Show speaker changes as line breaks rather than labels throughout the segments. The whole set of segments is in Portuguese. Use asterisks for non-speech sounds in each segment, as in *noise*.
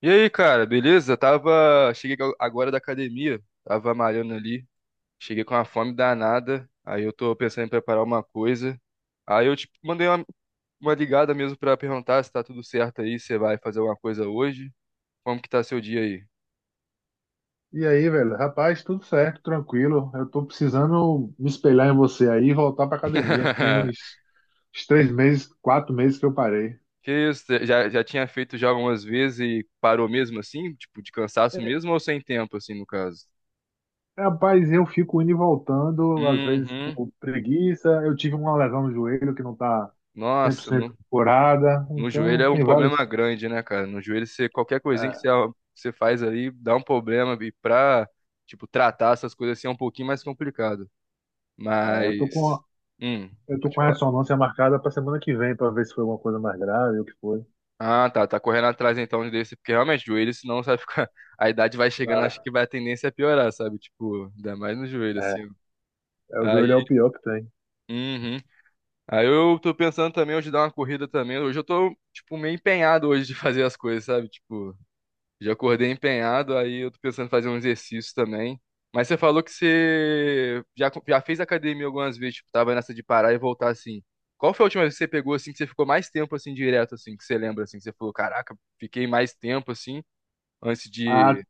E aí, cara, beleza? Tava. Cheguei agora da academia, tava malhando ali. Cheguei com uma fome danada. Aí eu tô pensando em preparar uma coisa. Aí eu, tipo, mandei uma ligada mesmo pra perguntar se tá tudo certo aí, se você vai fazer alguma coisa hoje. Como que tá seu dia aí?
E aí, velho? Rapaz, tudo certo, tranquilo. Eu tô precisando me espelhar em você aí e voltar pra academia, que tem
*laughs*
uns três meses, quatro meses que eu parei.
Que isso? Você Já tinha feito já algumas vezes e parou mesmo assim? Tipo, de cansaço mesmo ou sem tempo, assim, no caso?
Rapaz, eu fico indo e voltando, às vezes
Uhum.
por preguiça. Eu tive uma lesão no joelho que não tá
Nossa,
100%
não.
curada.
No joelho
Então,
é um
tem
problema
vários.
grande, né, cara? No joelho, qualquer coisinha que você faz ali dá um problema. E tipo, tratar essas coisas assim é um pouquinho mais complicado.
é, eu tô com,
Mas. Hum,
eu tô
pode
com a
falar.
ressonância marcada pra semana que vem, pra ver se foi alguma coisa mais grave ou o que foi.
Ah, tá. Tá correndo atrás então desse. Porque realmente, joelho, senão você vai ficar. *laughs* A idade vai chegando, acho
Ah,
que vai a tendência a piorar, sabe? Tipo, ainda mais no joelho,
é,
assim.
o
Aí.
joelho é o pior que tem.
Uhum. Aí eu tô pensando também hoje dar uma corrida também. Hoje eu tô, tipo, meio empenhado hoje de *laughs* fazer as coisas, sabe? Tipo. Já acordei empenhado, aí eu tô pensando em fazer um exercício também. Mas você falou que você já fez academia algumas vezes, tipo, tava nessa de parar e voltar assim. Qual foi a última vez que você pegou assim, que você ficou mais tempo assim, direto, assim, que você lembra, assim, que você falou, caraca, fiquei mais tempo assim, antes
Ah.
de.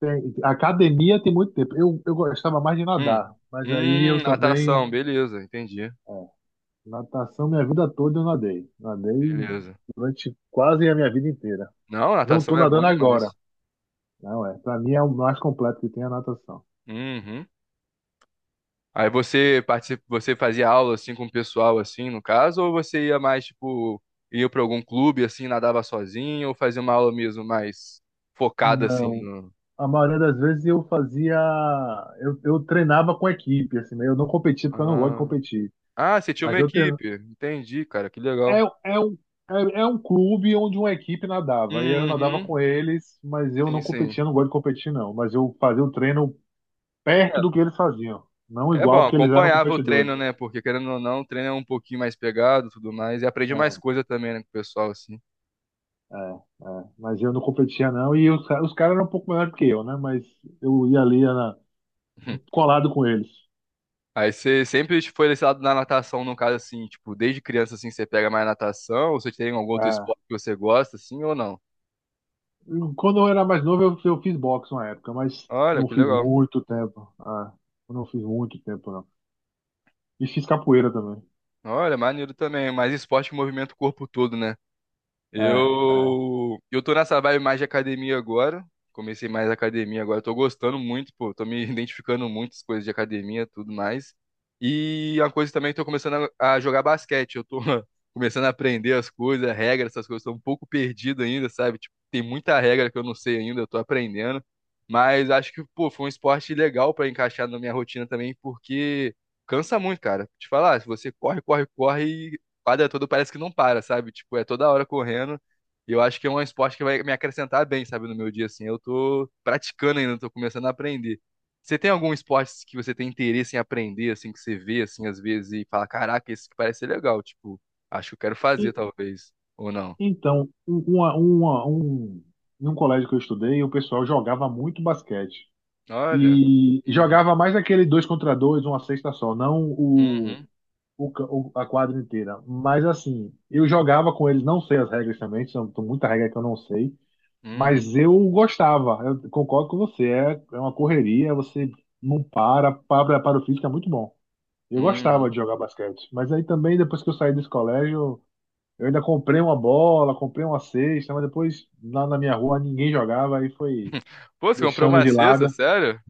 Academia tem muito tempo. Eu gostava mais de
Hum,
nadar, mas aí eu também.
natação, beleza, entendi.
é, Natação, minha vida toda eu nadei. Nadei
Beleza.
durante quase a minha vida inteira.
Não,
Não tô
natação é bom
nadando agora.
demais.
Não é. Para mim é o mais completo que tem a natação.
Uhum. Aí você participa, você fazia aula assim com o pessoal assim, no caso, ou você ia mais tipo ia para algum clube assim, nadava sozinho, ou fazia uma aula mesmo mais focada assim
Não.
no
A maioria das vezes eu fazia. Eu treinava com equipe, assim, né? Eu não competia porque eu não gosto de
Ah,
competir.
você tinha
Mas
uma
eu
equipe. Entendi, cara, que
É,
legal.
é um, é, é um clube onde uma equipe nadava. E eu nadava
Uhum.
com eles, mas eu
Sim,
não
sim.
competia, não gosto de competir, não. Mas eu fazia o treino perto do que eles faziam. Não
É, é bom,
igual que eles eram
acompanhava o
competidores.
treino, né? Porque querendo ou não, o treino é um pouquinho mais pegado, e tudo mais, e aprendi mais
É,
coisa também, né, com o pessoal assim.
é, é. Mas eu não competia, não. E os caras eram um pouco melhor que eu, né? Mas eu ia ali era
*laughs*
colado com eles.
Aí você sempre tipo, foi desse lado da natação, no caso, assim, tipo, desde criança, assim, você pega mais natação, ou você tem algum outro
É.
esporte que você gosta, assim, ou não?
Quando eu era mais novo, eu fiz boxe uma época, mas
Olha,
não
que
fiz
legal.
muito tempo. É. Eu não fiz muito tempo, não. E fiz capoeira também.
Olha, maneiro também, mas esporte que movimenta o corpo todo, né?
É,
Eu tô nessa vibe mais de academia agora. Comecei mais academia agora. Tô gostando muito, pô. Tô me *laughs* identificando muito com as coisas de academia, tudo mais. E uma coisa também, que tô começando a jogar basquete. Eu tô *laughs* começando a aprender as coisas, regras, essas coisas. Tô um pouco perdido ainda, sabe? Tipo, tem muita regra que eu não sei ainda, eu tô aprendendo. Mas acho que, pô, foi um esporte legal pra encaixar na minha rotina também, porque cansa muito, cara. Te falar, se você corre quadra toda parece que não para, sabe? Tipo, é toda hora correndo. E eu acho que é um esporte que vai me acrescentar bem, sabe, no meu dia, assim. Eu tô praticando ainda, tô começando a aprender. Você tem algum esporte que você tem interesse em aprender, assim, que você vê, assim, às vezes e fala, caraca, esse que parece ser legal, tipo, acho que eu quero fazer,
é.
talvez, ou não?
Então, um- uma, uma, um, Em um colégio que eu estudei, o pessoal jogava muito basquete.
Olha.
E
Uhum,
jogava mais aquele dois contra dois, uma cesta só, não o,
uhum,
o, ca- o- a quadra inteira. Mas assim, eu jogava com eles, não sei as regras também, são tem muita regra que eu não sei,
uhum,
mas eu gostava. Eu concordo com você, é uma correria, você não para, para o físico é muito bom. Eu gostava
uhum.
de jogar basquete, mas aí também depois que eu saí desse colégio. Eu ainda comprei uma bola, comprei uma cesta, mas depois lá na minha rua ninguém jogava, aí foi
Pô, você comprou
deixando
uma
de
cesta,
lado.
sério?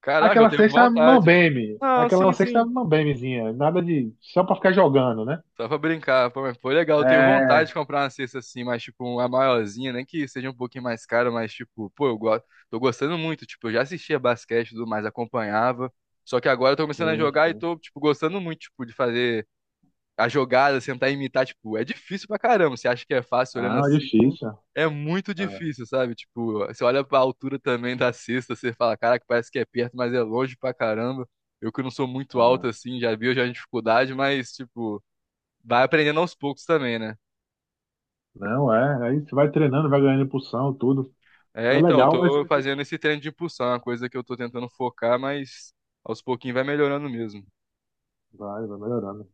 Caraca, eu
Aquela
tenho
cesta
vontade.
mambembe,
Ah,
aquela
sim,
cesta
sim.
mambembezinha, nada, de só pra ficar jogando, né?
Só pra brincar, pô, mas foi legal. Eu tenho vontade
É,
de comprar uma cesta assim, mas tipo, uma maiorzinha, nem que seja um pouquinho mais cara, mas tipo, pô, eu gosto, tô gostando muito. Tipo, eu já assistia basquete e tudo mais, acompanhava. Só que agora eu tô começando a
sim,
jogar e
sim.
tô, tipo, gostando muito, tipo, de fazer a jogada, sentar e imitar. Tipo, é difícil pra caramba. Você acha que é fácil olhando
Ah, é
assim?
difícil.
É muito
Ah,
difícil, sabe? Tipo, você olha pra altura também da cesta, você fala, caraca, parece que é perto, mas é longe pra caramba. Eu que não sou muito
ah.
alto assim, já vi, eu já tenho dificuldade, mas, tipo. Vai aprendendo aos poucos também, né?
Não, é. Aí você vai treinando, vai ganhando impulsão, tudo. É
É, então, eu
legal, mas
tô fazendo esse treino de impulsão, é uma coisa que eu tô tentando focar, mas aos pouquinhos vai melhorando mesmo.
vai melhorando.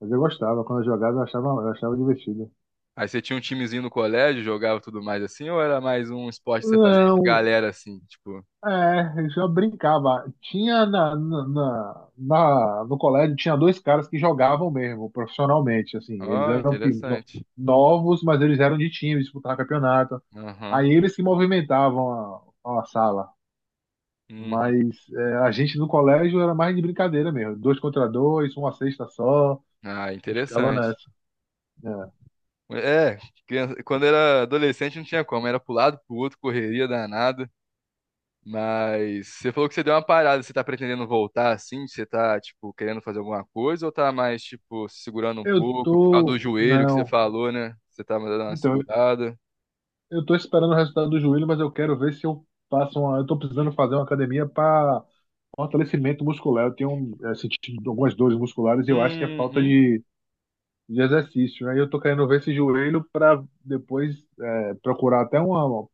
Mas eu gostava, quando eu jogava, eu achava divertido.
Aí você tinha um timezinho no colégio, jogava tudo mais assim, ou era mais um esporte que você fazia entre
Não,
galera assim, tipo,
é, eu já brincava. Tinha no colégio tinha dois caras que jogavam mesmo, profissionalmente, assim. Eles
ó,
eram pi- no-
interessante.
Novos, mas eles eram de time, disputavam campeonato.
Aham.
Aí eles que movimentavam a sala.
Uhum.
Mas é, a gente no colégio era mais de brincadeira mesmo. Dois contra dois, uma cesta só,
Ah,
e ficava
interessante.
nessa. É.
É, quando era adolescente não tinha como, era pro lado, pro outro, correria danada. Mas você falou que você deu uma parada, você tá pretendendo voltar assim? Você tá, tipo, querendo fazer alguma coisa ou tá mais, tipo, se segurando um
Eu
pouco por causa do
tô.
joelho que você
Não.
falou, né? Você tá dando uma
Então,
segurada.
eu tô esperando o resultado do joelho, mas eu quero ver se eu faço uma. Eu tô precisando fazer uma academia para fortalecimento muscular. Eu tenho sentido algumas dores musculares e eu acho que é falta
Uhum,
de exercício, né? E eu tô querendo ver esse joelho para depois procurar até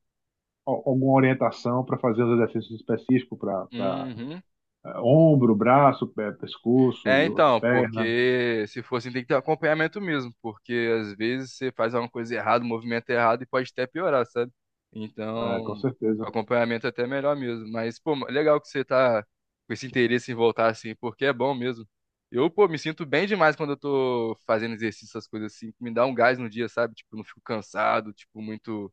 alguma orientação para fazer os exercícios específicos para
uhum.
ombro, braço, pé, pescoço,
É, então,
perna,
porque se for assim, tem que ter acompanhamento mesmo, porque às vezes você faz alguma coisa errada, um movimento errado e pode até piorar, sabe?
é, com
Então, com
certeza.
acompanhamento é até melhor mesmo. Mas, pô, legal que você tá com esse interesse em voltar assim, porque é bom mesmo. Eu, pô, me sinto bem demais quando eu tô fazendo exercício, essas coisas assim, que me dá um gás no dia, sabe? Tipo, não fico cansado, tipo, muito,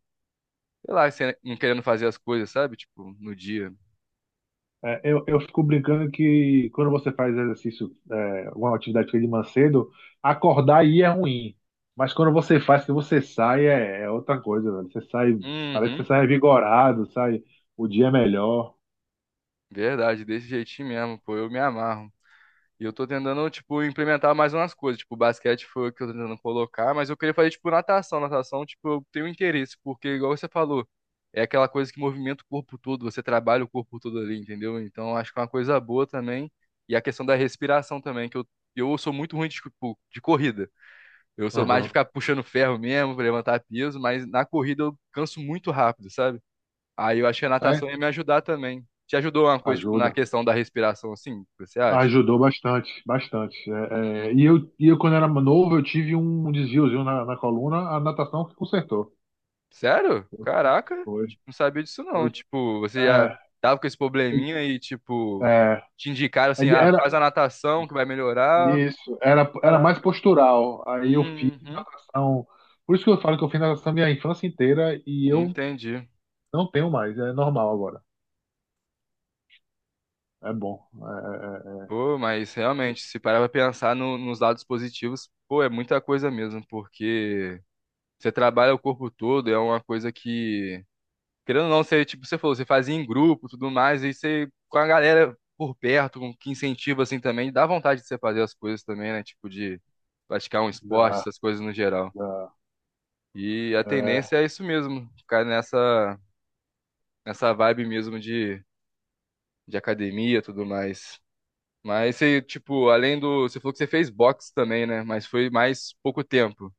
sei lá, não querendo fazer as coisas, sabe? Tipo, no dia.
Eu fico brincando que quando você faz exercício, alguma atividade física de manhã cedo, acordar aí é ruim. Mas quando você faz, que você sai, é outra coisa, velho. Você sai, parece que
Uhum,
você sai revigorado, sai, o dia é melhor.
verdade, desse jeitinho mesmo, pô, eu me amarro. E eu tô tentando, tipo, implementar mais umas coisas. Tipo, basquete foi o que eu tô tentando colocar, mas eu queria fazer, tipo, natação. Natação, tipo, eu tenho interesse, porque, igual você falou, é aquela coisa que movimenta o corpo todo, você trabalha o corpo todo ali, entendeu? Então, eu acho que é uma coisa boa também. E a questão da respiração também, que eu sou muito ruim de, tipo, de corrida. Eu sou mais de
Uhum.
ficar puxando ferro mesmo, pra levantar peso, mas na corrida eu canso muito rápido, sabe? Aí eu acho que a
É,
natação ia me ajudar também. Te ajudou uma coisa, tipo, na
ajuda.
questão da respiração, assim, você acha?
Ajudou bastante, bastante. Eu, quando era novo, eu tive um desviozinho na coluna, a natação que consertou.
Sério? Caraca,
Foi.
tipo, não sabia disso
Eu,
não. Tipo, você já
é,
tava com esse probleminha
eu-
e, tipo,
é,
te indicaram assim, ah, faz a natação que vai melhorar.
Isso, era, era mais
Caraca.
postural. Aí eu fiz
Uhum,
natação. Por isso que eu falo que eu fiz natação minha infância inteira e eu
entendi.
não tenho mais. É normal agora. É bom.
Pô, mas
É, é, é,
realmente, se parar pra pensar nos lados positivos, pô, é muita coisa mesmo, porque você trabalha o corpo todo, é uma coisa que Querendo ou não, você, tipo, você falou, você fazia em grupo, tudo mais, e você, com a galera por perto, com que incentiva, assim, também, dá vontade de você fazer as coisas também, né? Tipo, de praticar um esporte,
dá-
essas coisas no geral.
dá-
E a
é.
tendência é isso mesmo, ficar nessa vibe mesmo de academia, tudo mais. Mas você, tipo, além do... Você falou que você fez boxe também, né? Mas foi mais pouco tempo.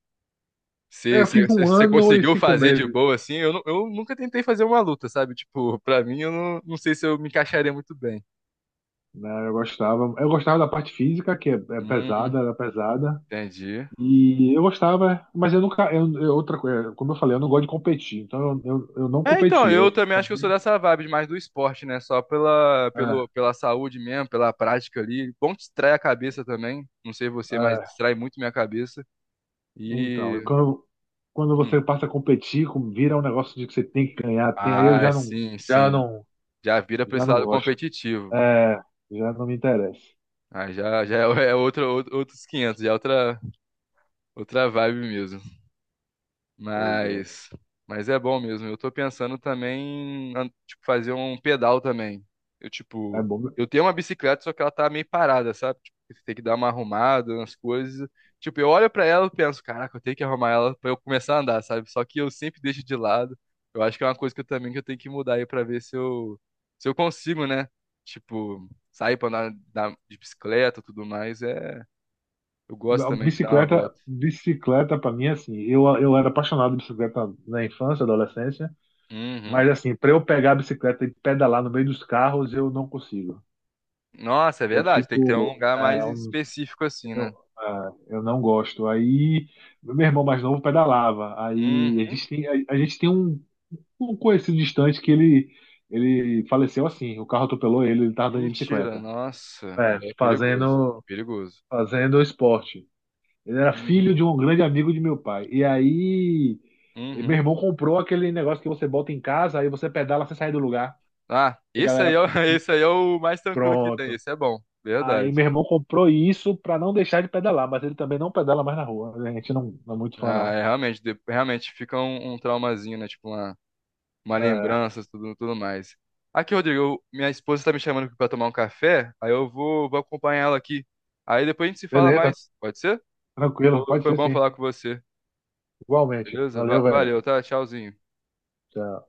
Eu fiz um
Você
ano e
conseguiu
cinco
fazer de
meses,
boa, assim? Eu, eu nunca tentei fazer uma luta, sabe? Tipo, pra mim, eu não sei se eu me encaixaria muito bem.
né? Eu gostava. Eu gostava da parte física, é
Hum,
pesada, era pesada.
entendi.
E eu gostava, mas eu nunca. Outra coisa, como eu falei, eu não gosto de competir. Então eu não
É,
competi.
então,
Eu
eu também acho que eu
sabia.
sou dessa vibe mais do esporte, né? Só
É,
pela saúde mesmo, pela prática ali. Bom, que distrai a cabeça também. Não sei você, mas
é.
distrai muito minha cabeça.
Então, e
E.
quando, quando você
hum,
passa a competir, vira um negócio de que você tem que ganhar, tem, aí eu
Ah,
já não,
sim,
já
sim.
não,
Já vira pra
já
esse
não
lado
gosto.
competitivo.
É, já não me interessa.
Ah, já é outro, outros 500 já é outra, outra vibe mesmo.
Pois é.
Mas, mas é bom mesmo. Eu tô pensando também em, tipo, fazer um pedal também. Eu,
É
tipo,
bom.
eu tenho uma bicicleta, só que ela tá meio parada, sabe? Tipo, você tem que dar uma arrumada nas coisas. Tipo, eu olho pra ela e penso, caraca, eu tenho que arrumar ela pra eu começar a andar, sabe? Só que eu sempre deixo de lado. Eu acho que é uma coisa que eu também que eu tenho que mudar aí pra ver se se eu consigo, né? Tipo, sair pra andar, andar de bicicleta e tudo mais. É, eu gosto
A
também de dar uma
bicicleta,
volta.
bicicleta para mim, é assim, eu era apaixonado de bicicleta na infância, adolescência,
Uhum.
mas assim, para eu pegar a bicicleta e pedalar no meio dos carros, eu não consigo.
Nossa, é
Eu
verdade. Tem que ter um
fico,
lugar mais
não sei,
específico assim, né?
eu eu não gosto. Aí, meu irmão mais novo pedalava. Aí
Uhum.
a gente tem um conhecido distante ele faleceu assim. O carro atropelou ele, ele estava andando de
Mentira,
bicicleta.
nossa.
É,
Aí é perigoso.
fazendo,
Perigoso.
fazendo esporte. Ele era filho
Uhum.
de um grande amigo de meu pai. E meu
Uhum.
irmão comprou aquele negócio que você bota em casa, aí você pedala sem sair do lugar.
Ah,
E a
esse
galera,
aí é, *laughs* esse aí é o mais tranquilo que tem.
pronto.
Esse é bom.
Aí
Verdade.
meu irmão comprou isso pra não deixar de pedalar, mas ele também não pedala mais na rua. A gente não é muito fã,
Ah,
não.
é, realmente, realmente fica um traumazinho, né? Tipo uma
É,
lembrança, tudo mais. Aqui, Rodrigo, minha esposa tá me chamando aqui pra tomar um café. Aí eu vou acompanhar ela aqui. Aí depois a gente se fala
beleza,
mais. Pode ser?
tranquilo, pode
Foi
ser
bom
sim.
falar com você.
Igualmente.
Beleza?
Valeu, velho.
Valeu, tá? Tchauzinho.
Tchau.